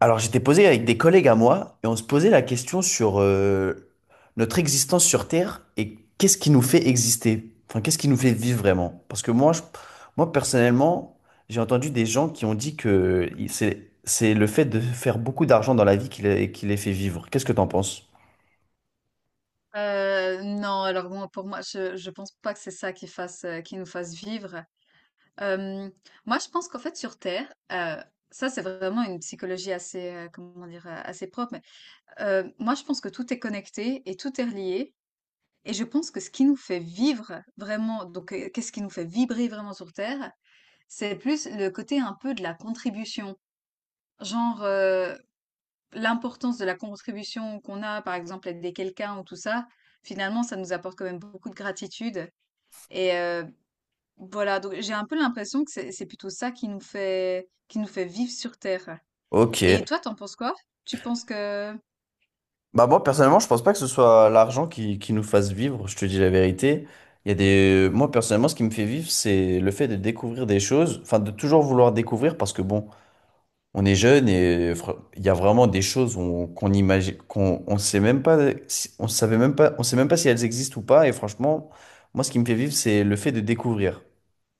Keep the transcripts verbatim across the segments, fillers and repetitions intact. Alors, j'étais posé avec des collègues à moi et on se posait la question sur euh, notre existence sur Terre et qu'est-ce qui nous fait exister? Enfin, qu'est-ce qui nous fait vivre vraiment? Parce que moi, je- moi personnellement, j'ai entendu des gens qui ont dit que il- c'est c'est le fait de faire beaucoup d'argent dans la vie qui les, qui les fait vivre. Qu'est-ce que t'en penses? Heu, non, alors bon, pour moi, je je pense pas que c'est ça qui fasse, heu, qui nous fasse vivre. Hem, Moi, je pense qu'en fait, sur terre, heu, ça, c'est vraiment une psychologie assez, heu, comment dire? Heu, assez propre, mais, heu, moi, je pense que tout est connecté et tout est relié, et je pense que ce qui nous fait vivre vraiment, donc, heu, qu'est-ce qui nous fait vibrer vraiment sur terre? C'est plus le côté un peu de la contribution. Genre, heu l'importance de la contribution qu'on a, par exemple, aider quelqu'un ou tout ça, finalement, ça nous apporte quand même beaucoup de gratitude. Et heu, voilà, donc j'ai un peu l'impression que c'est c'est plutôt ça qui nous fait qui nous fait vivre sur terre. Ok. Et toi, t'en penses quoi? Tu penses que Bah moi personnellement, je pense pas que ce soit l'argent qui, qui nous fasse vivre, je te dis la vérité. Il y a des Moi personnellement, ce qui me fait vivre, c'est le fait de découvrir des choses, enfin de toujours vouloir découvrir parce que bon, on est jeune et fr- il y a vraiment des choses on- qu'on imagine, qu'on on sait même pas, si- on savait même pas, on sait même pas si elles existent ou pas. Et franchement, moi, ce qui me fait vivre, c'est le fait de découvrir.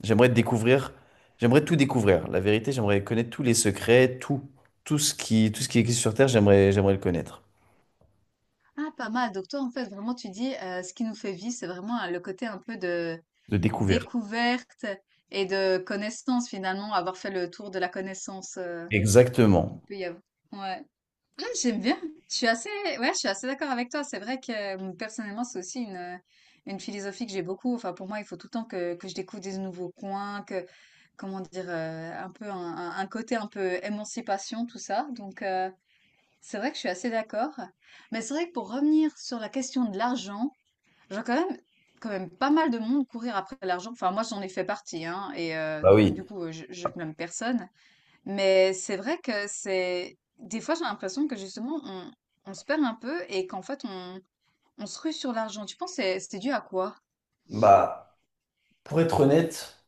J'aimerais découvrir, j'aimerais tout découvrir. La vérité, j'aimerais connaître tous les secrets, tout, tout ce qui, tout ce qui existe sur Terre, j'aimerais, j'aimerais le connaître. ah, pas mal, donc toi, en fait, vraiment, tu dis, heu, ce qui nous fait vivre, c'est vraiment, heu, le côté un peu de De découvrir. découverte et de connaissance, finalement, avoir fait le tour de la connaissance, heu, qu'il Exactement. peut y avoir. Ouais. J'aime bien. Je suis assez, ouais, je suis assez d'accord avec toi. C'est vrai que euh, personnellement, c'est aussi une, euh, une philosophie que j'ai beaucoup. Enfin, pour moi, il faut tout le temps que, que je découvre des nouveaux coins, que, comment dire, euh, un peu un, un- un côté un peu émancipation, tout ça. Donc, euh, c'est vrai que je suis assez d'accord. Mais c'est vrai que, pour revenir sur la question de l'argent, j'ai quand même, quand même pas mal de monde courir après l'argent. Enfin, moi, j'en ai fait partie, hein, et euh, Bah oui. du coup, euh, je, je blâme personne. Mais c'est vrai que c'est... Des fois, j'ai l'impression que justement, on, on se perd un peu et qu'en fait, on, on se rue sur l'argent. Tu penses que c'est c'est dû à quoi? Bah, pour être honnête.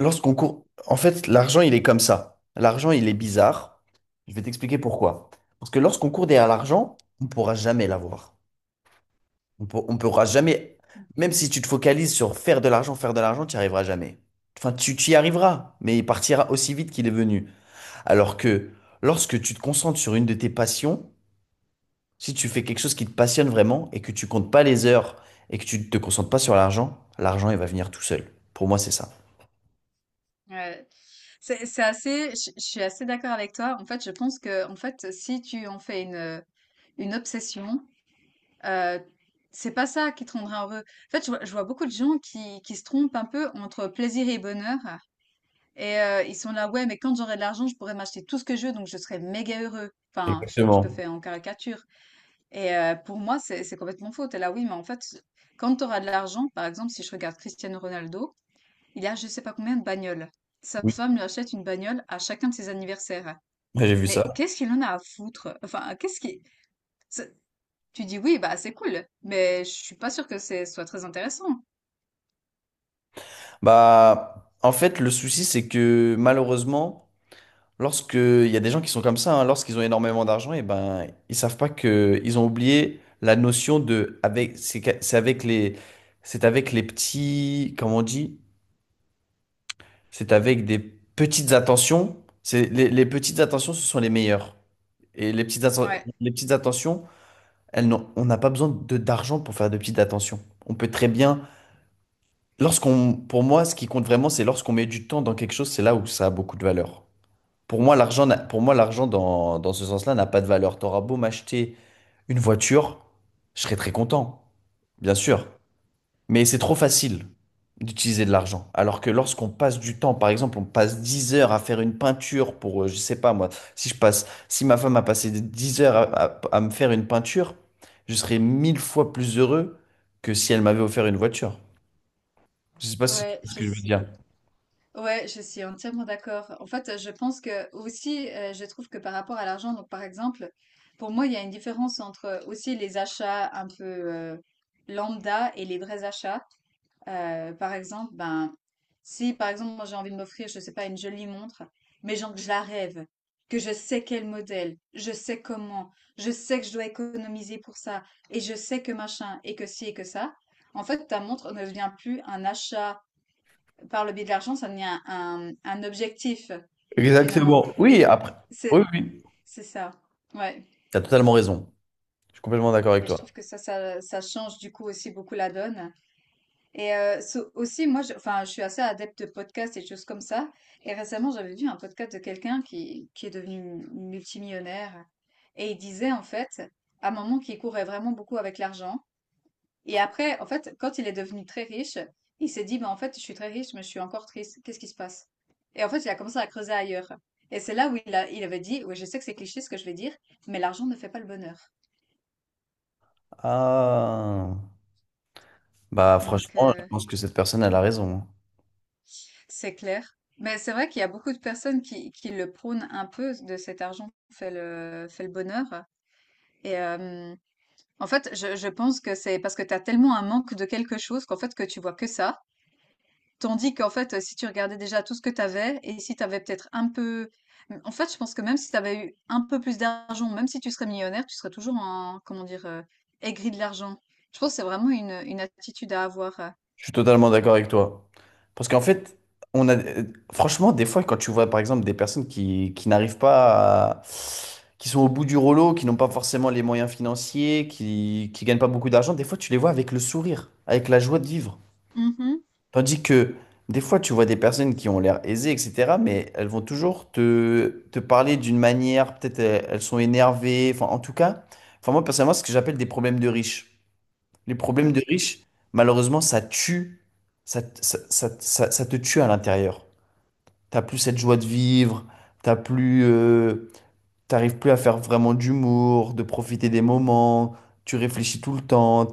Lorsqu'on court, en fait, l'argent, il est comme ça. L'argent, il est bizarre. Je vais t'expliquer pourquoi. Parce que lorsqu'on court derrière l'argent, on ne pourra jamais l'avoir. On pour- on pourra jamais, même si tu te focalises sur faire de l'argent, faire de l'argent, tu n'y arriveras jamais. Enfin, tu, tu y arriveras, mais il partira aussi vite qu'il est venu. Alors que lorsque tu te concentres sur une de tes passions, si tu fais quelque chose qui te passionne vraiment et que tu comptes pas les heures et que tu ne te concentres pas sur l'argent, l'argent, il va venir tout seul. Pour moi, c'est ça. Ouais. C'est c'est assez... Je je suis assez d'accord avec toi. En fait, je pense que, en fait, si tu en fais une, une obsession, euh, c'est pas ça qui te rendra heureux. En fait, je vois, je vois beaucoup de gens qui, qui se trompent un peu entre plaisir et bonheur. Et euh, ils sont là, ouais, mais quand j'aurai de l'argent, je pourrai m'acheter tout ce que je veux, donc je serai méga heureux. Enfin, je, je te Exactement. fais en caricature. Et euh, pour moi, c'est c'est complètement faux. T'es là, oui, mais en fait, quand tu auras de l'argent, par exemple, si je regarde Cristiano Ronaldo, il a je sais pas combien de bagnoles. Sa Oui, femme lui achète une bagnole à chacun de ses anniversaires. j'ai vu Mais ça. qu'est-ce qu'il en a à foutre? Enfin, qu'est-ce qui... c'est- Tu dis oui, bah c'est cool, mais je suis pas sûre que c'est soit très intéressant. Bah, en fait, le souci, c'est que malheureusement, lorsque il y a des gens qui sont comme ça, hein, lorsqu'ils ont énormément d'argent, et ben, ils savent pas que ils ont oublié la notion de avec c'est qu'a- c'est avec les c'est avec les petits, comment on dit? C'est avec des petites attentions. C'est les, les petites attentions, ce sont les meilleures. Et les petites atten- Ouais, les petites attentions, elles n'ont- on n'a pas besoin de d'argent pour faire de petites attentions. On peut très bien lorsqu'on, pour moi, ce qui compte vraiment, c'est lorsqu'on met du temps dans quelque chose, c'est là où ça a beaucoup de valeur. Pour moi, l'argent, n'a- pour moi, l'argent dans, dans ce sens-là n'a pas de valeur. T'auras beau m'acheter une voiture, je serai très content, bien sûr. Mais c'est trop facile d'utiliser de l'argent. Alors que lorsqu'on passe du temps, par exemple, on passe dix heures à faire une peinture pour, euh, je sais pas moi, si je passe, si ma femme a passé dix heures à, à- à me faire une peinture, je serais mille fois plus heureux que si elle m'avait offert une voiture. Je sais pas si tu ouais, vois ce je que je veux suis dire. ouais, je suis entièrement d'accord. En fait, je pense que aussi, euh, je trouve que, par rapport à l'argent, donc, par exemple, pour moi, il y a une différence entre aussi les achats un peu euh, lambda et les vrais achats. Euh, par exemple, ben, si par exemple, moi j'ai envie de m'offrir, je sais pas, une jolie montre, mais genre que je la rêve, que je sais quel modèle, je sais comment, je sais que je dois économiser pour ça, et je sais que machin, et que ci, et que ça. En fait, ta montre ne devient plus un achat par le biais de l'argent, ça devient un, un objectif, finalement. Exactement. Oui, Et après. Oui, c'est, oui. c'est ça. Ouais. Tu as totalement raison. Je suis complètement d'accord avec Et je toi. trouve que ça, ça, ça change du coup aussi beaucoup la donne. Et euh, so- aussi, moi, je, enfin, je suis assez adepte de podcasts et de choses comme ça. Et récemment, j'avais vu un podcast de quelqu'un qui, qui est devenu multimillionnaire. Et il disait, en fait, à un moment, qu'il courait vraiment beaucoup avec l'argent. Et après, en fait, quand il est devenu très riche, il s'est dit, mais en fait, je suis très riche, mais je suis encore triste. Qu'est-ce qui se passe? Et en fait, il a commencé à creuser ailleurs. Et c'est là où il a, il avait dit, oui, je sais que c'est cliché ce que je vais dire, mais l'argent ne fait pas le bonheur. Ah. Bah, Donc, franchement, je euh, pense que cette personne, elle a raison, hein. c'est clair. Mais c'est vrai qu'il y a beaucoup de personnes qui, qui le prônent un peu, de cet argent fait le, fait le bonheur. Et euh, en fait, je, je pense que c'est parce que tu as tellement un manque de quelque chose qu'en fait, que tu vois que ça. Tandis qu'en fait, heu, si tu regardais déjà tout ce que tu avais et si tu avais peut-être un peu mmh, en fait, je pense que, même si tu avais eu un peu plus d'argent, même si tu serais millionnaire, tu serais toujours en, comment dire? Heu, aigri de l'argent. Je pense que c'est vraiment une, une attitude à avoir, heu. Je suis totalement d'accord avec toi. Parce qu'en fait, on a. euh, Franchement, des fois, quand tu vois, par exemple, des personnes qui, qui n'arrivent pas à- qui sont au bout du rouleau, qui n'ont pas forcément les moyens financiers, qui, qui gagnent pas beaucoup d'argent, des fois, tu les vois avec le sourire, avec la joie de vivre. Mmh. Tandis que des fois, tu vois des personnes qui ont l'air aisées, et cetera, mais elles vont toujours te, te parler d'une manière, peut-être elles, elles sont énervées, enfin en tout cas, enfin moi personnellement, c'est ce que j'appelle des problèmes de riches. Les problèmes de riches, malheureusement, ça tue, ça, ça, ça- ça- ça te tue à l'intérieur. T'as plus cette joie de vivre, t'as plus, euh, t'arrives plus à faire vraiment d'humour, de profiter des moments, tu réfléchis tout le temps,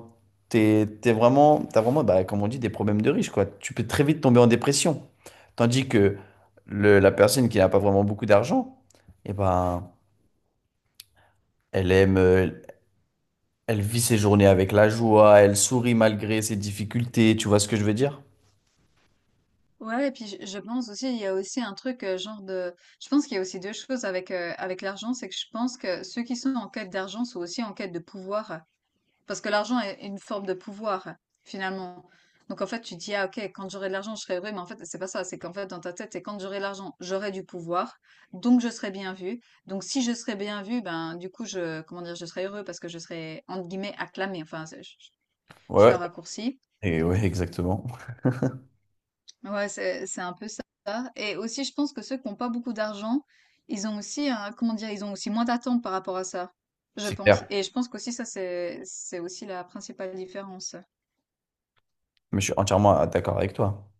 t'es, t'es vraiment, t'as vraiment, bah, comme on dit, des problèmes de riche, quoi. Tu peux très vite tomber en dépression. Tandis que le- la personne qui n'a pas vraiment beaucoup d'argent, eh ben, elle aime, euh, elle vit ses journées avec la joie, elle sourit malgré ses difficultés, tu vois ce que je veux dire? Ouais, et puis je je pense aussi, il y a aussi un truc, heu, genre de, je pense qu'il y a aussi deux choses avec, heu, avec l'argent, c'est que je pense que ceux qui sont en quête d'argent sont aussi en quête de pouvoir. Parce que l'argent est une forme de pouvoir, finalement. Donc, en fait, tu dis, ah ok, quand j'aurai de l'argent, je serai heureux, mais en fait, c'est pas ça. C'est qu'en fait, dans ta tête, c'est, quand j'aurai de l'argent, j'aurai du pouvoir, donc je serai bien vu. Donc, si je serai bien vu, ben du coup, je, comment dire, je serai heureux parce que je serai, entre guillemets, acclamé. Enfin, c'est- je, je Ouais, le raccourcis. et ouais, exactement. Ouais, c'est, c'est un peu ça. Et aussi, je pense que ceux qui n'ont pas beaucoup d'argent, ils ont aussi, un- comment dire, ils ont aussi moins d'attentes par rapport à ça, je C'est pense. clair. Et je pense qu'aussi, ça, c'est, c'est aussi la principale différence. Mais je suis entièrement d'accord avec toi.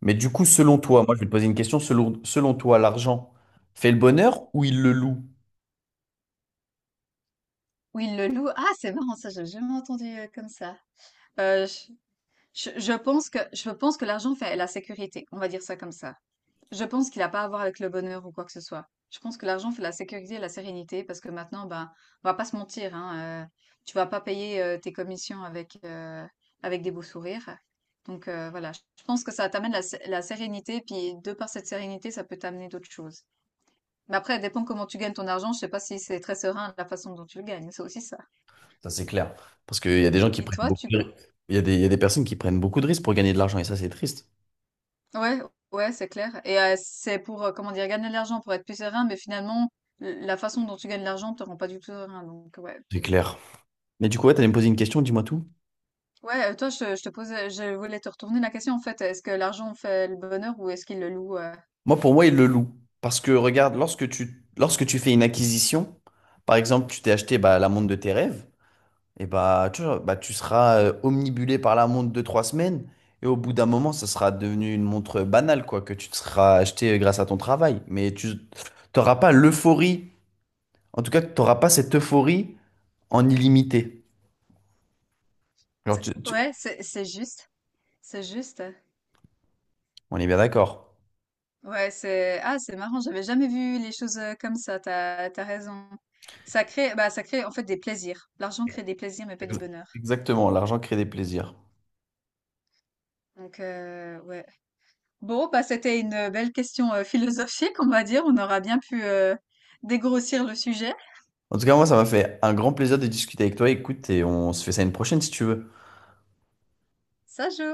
Mais du coup, selon euh, toi, moi je vais te poser une question, selon, selon toi, l'argent fait le bonheur ou il le loue? Où ils le loue. Ah, c'est marrant ça, j'ai jamais entendu, heu, comme ça. Heu, je je je pense que je pense que l'argent fait la sécurité, on va dire ça comme ça. Je pense qu'il a pas à voir avec le bonheur ou quoi que ce soit. Je pense que l'argent fait la sécurité et la sérénité parce que maintenant, ben, on va pas se mentir, hein, heu, tu vas pas payer, heu, tes commissions avec, heu, avec des beaux sourires. Donc heu, voilà, je je pense que ça t'amène la sé la sérénité, puis de par cette sérénité, ça peut t'amener d'autres choses. Mais après, ça dépend comment tu gagnes ton argent, je sais pas si c'est très serein la façon dont tu le gagnes, c'est aussi ça. Ça c'est clair. Parce qu'il y a des gens qui Et prennent toi, beaucoup tu de risques. Il y a des, il y a des personnes qui prennent beaucoup de risques pour gagner de l'argent et ça c'est triste. ouais, ouais, c'est clair. Et euh, c'est pour, euh, comment dire, gagner de l'argent, pour être plus serein, mais finalement, l- la façon dont tu gagnes de l'argent te rend pas du tout serein. Donc, ouais. C'est clair. Mais du coup, ouais, t'allais me poser une question, dis-moi tout. Ouais, euh, toi, je, je te posais, je voulais te retourner la question, en fait. Est-ce que l'argent fait le bonheur ou est-ce qu'il le loue? euh Moi, pour moi, il le loue. Parce que regarde, lorsque tu, lorsque tu fais une acquisition, par exemple, tu t'es acheté bah, la montre de tes rêves, et bah, tu vois, bah, tu seras euh, omnibulé par la montre de trois semaines, et au bout d'un moment, ça sera devenu une montre banale, quoi, que tu te seras acheté euh, grâce à ton travail. Mais tu n'auras pas l'euphorie, en tout cas, tu n'auras pas cette euphorie en illimité. Genre, C'est- tu- tu- Ouais, c'est, c'est juste. C'est juste. on est bien d'accord. Ouais, c'est, ah, c'est marrant. J'avais jamais vu les choses euh, comme ça. T'as, t'as raison. Ça crée, bah, ça crée, en fait, des plaisirs. L'argent crée des plaisirs, mais pas du Ex- bonheur. Exactement, l'argent crée des plaisirs. Donc, euh, ouais. Bon, bah, c'était une euh, belle question euh, philosophique, on va dire. On aura bien pu euh, dégrossir le sujet. En tout cas, moi, ça m'a fait un grand plaisir de discuter avec toi. Écoute, et on se fait ça une prochaine si tu veux. Ça joue.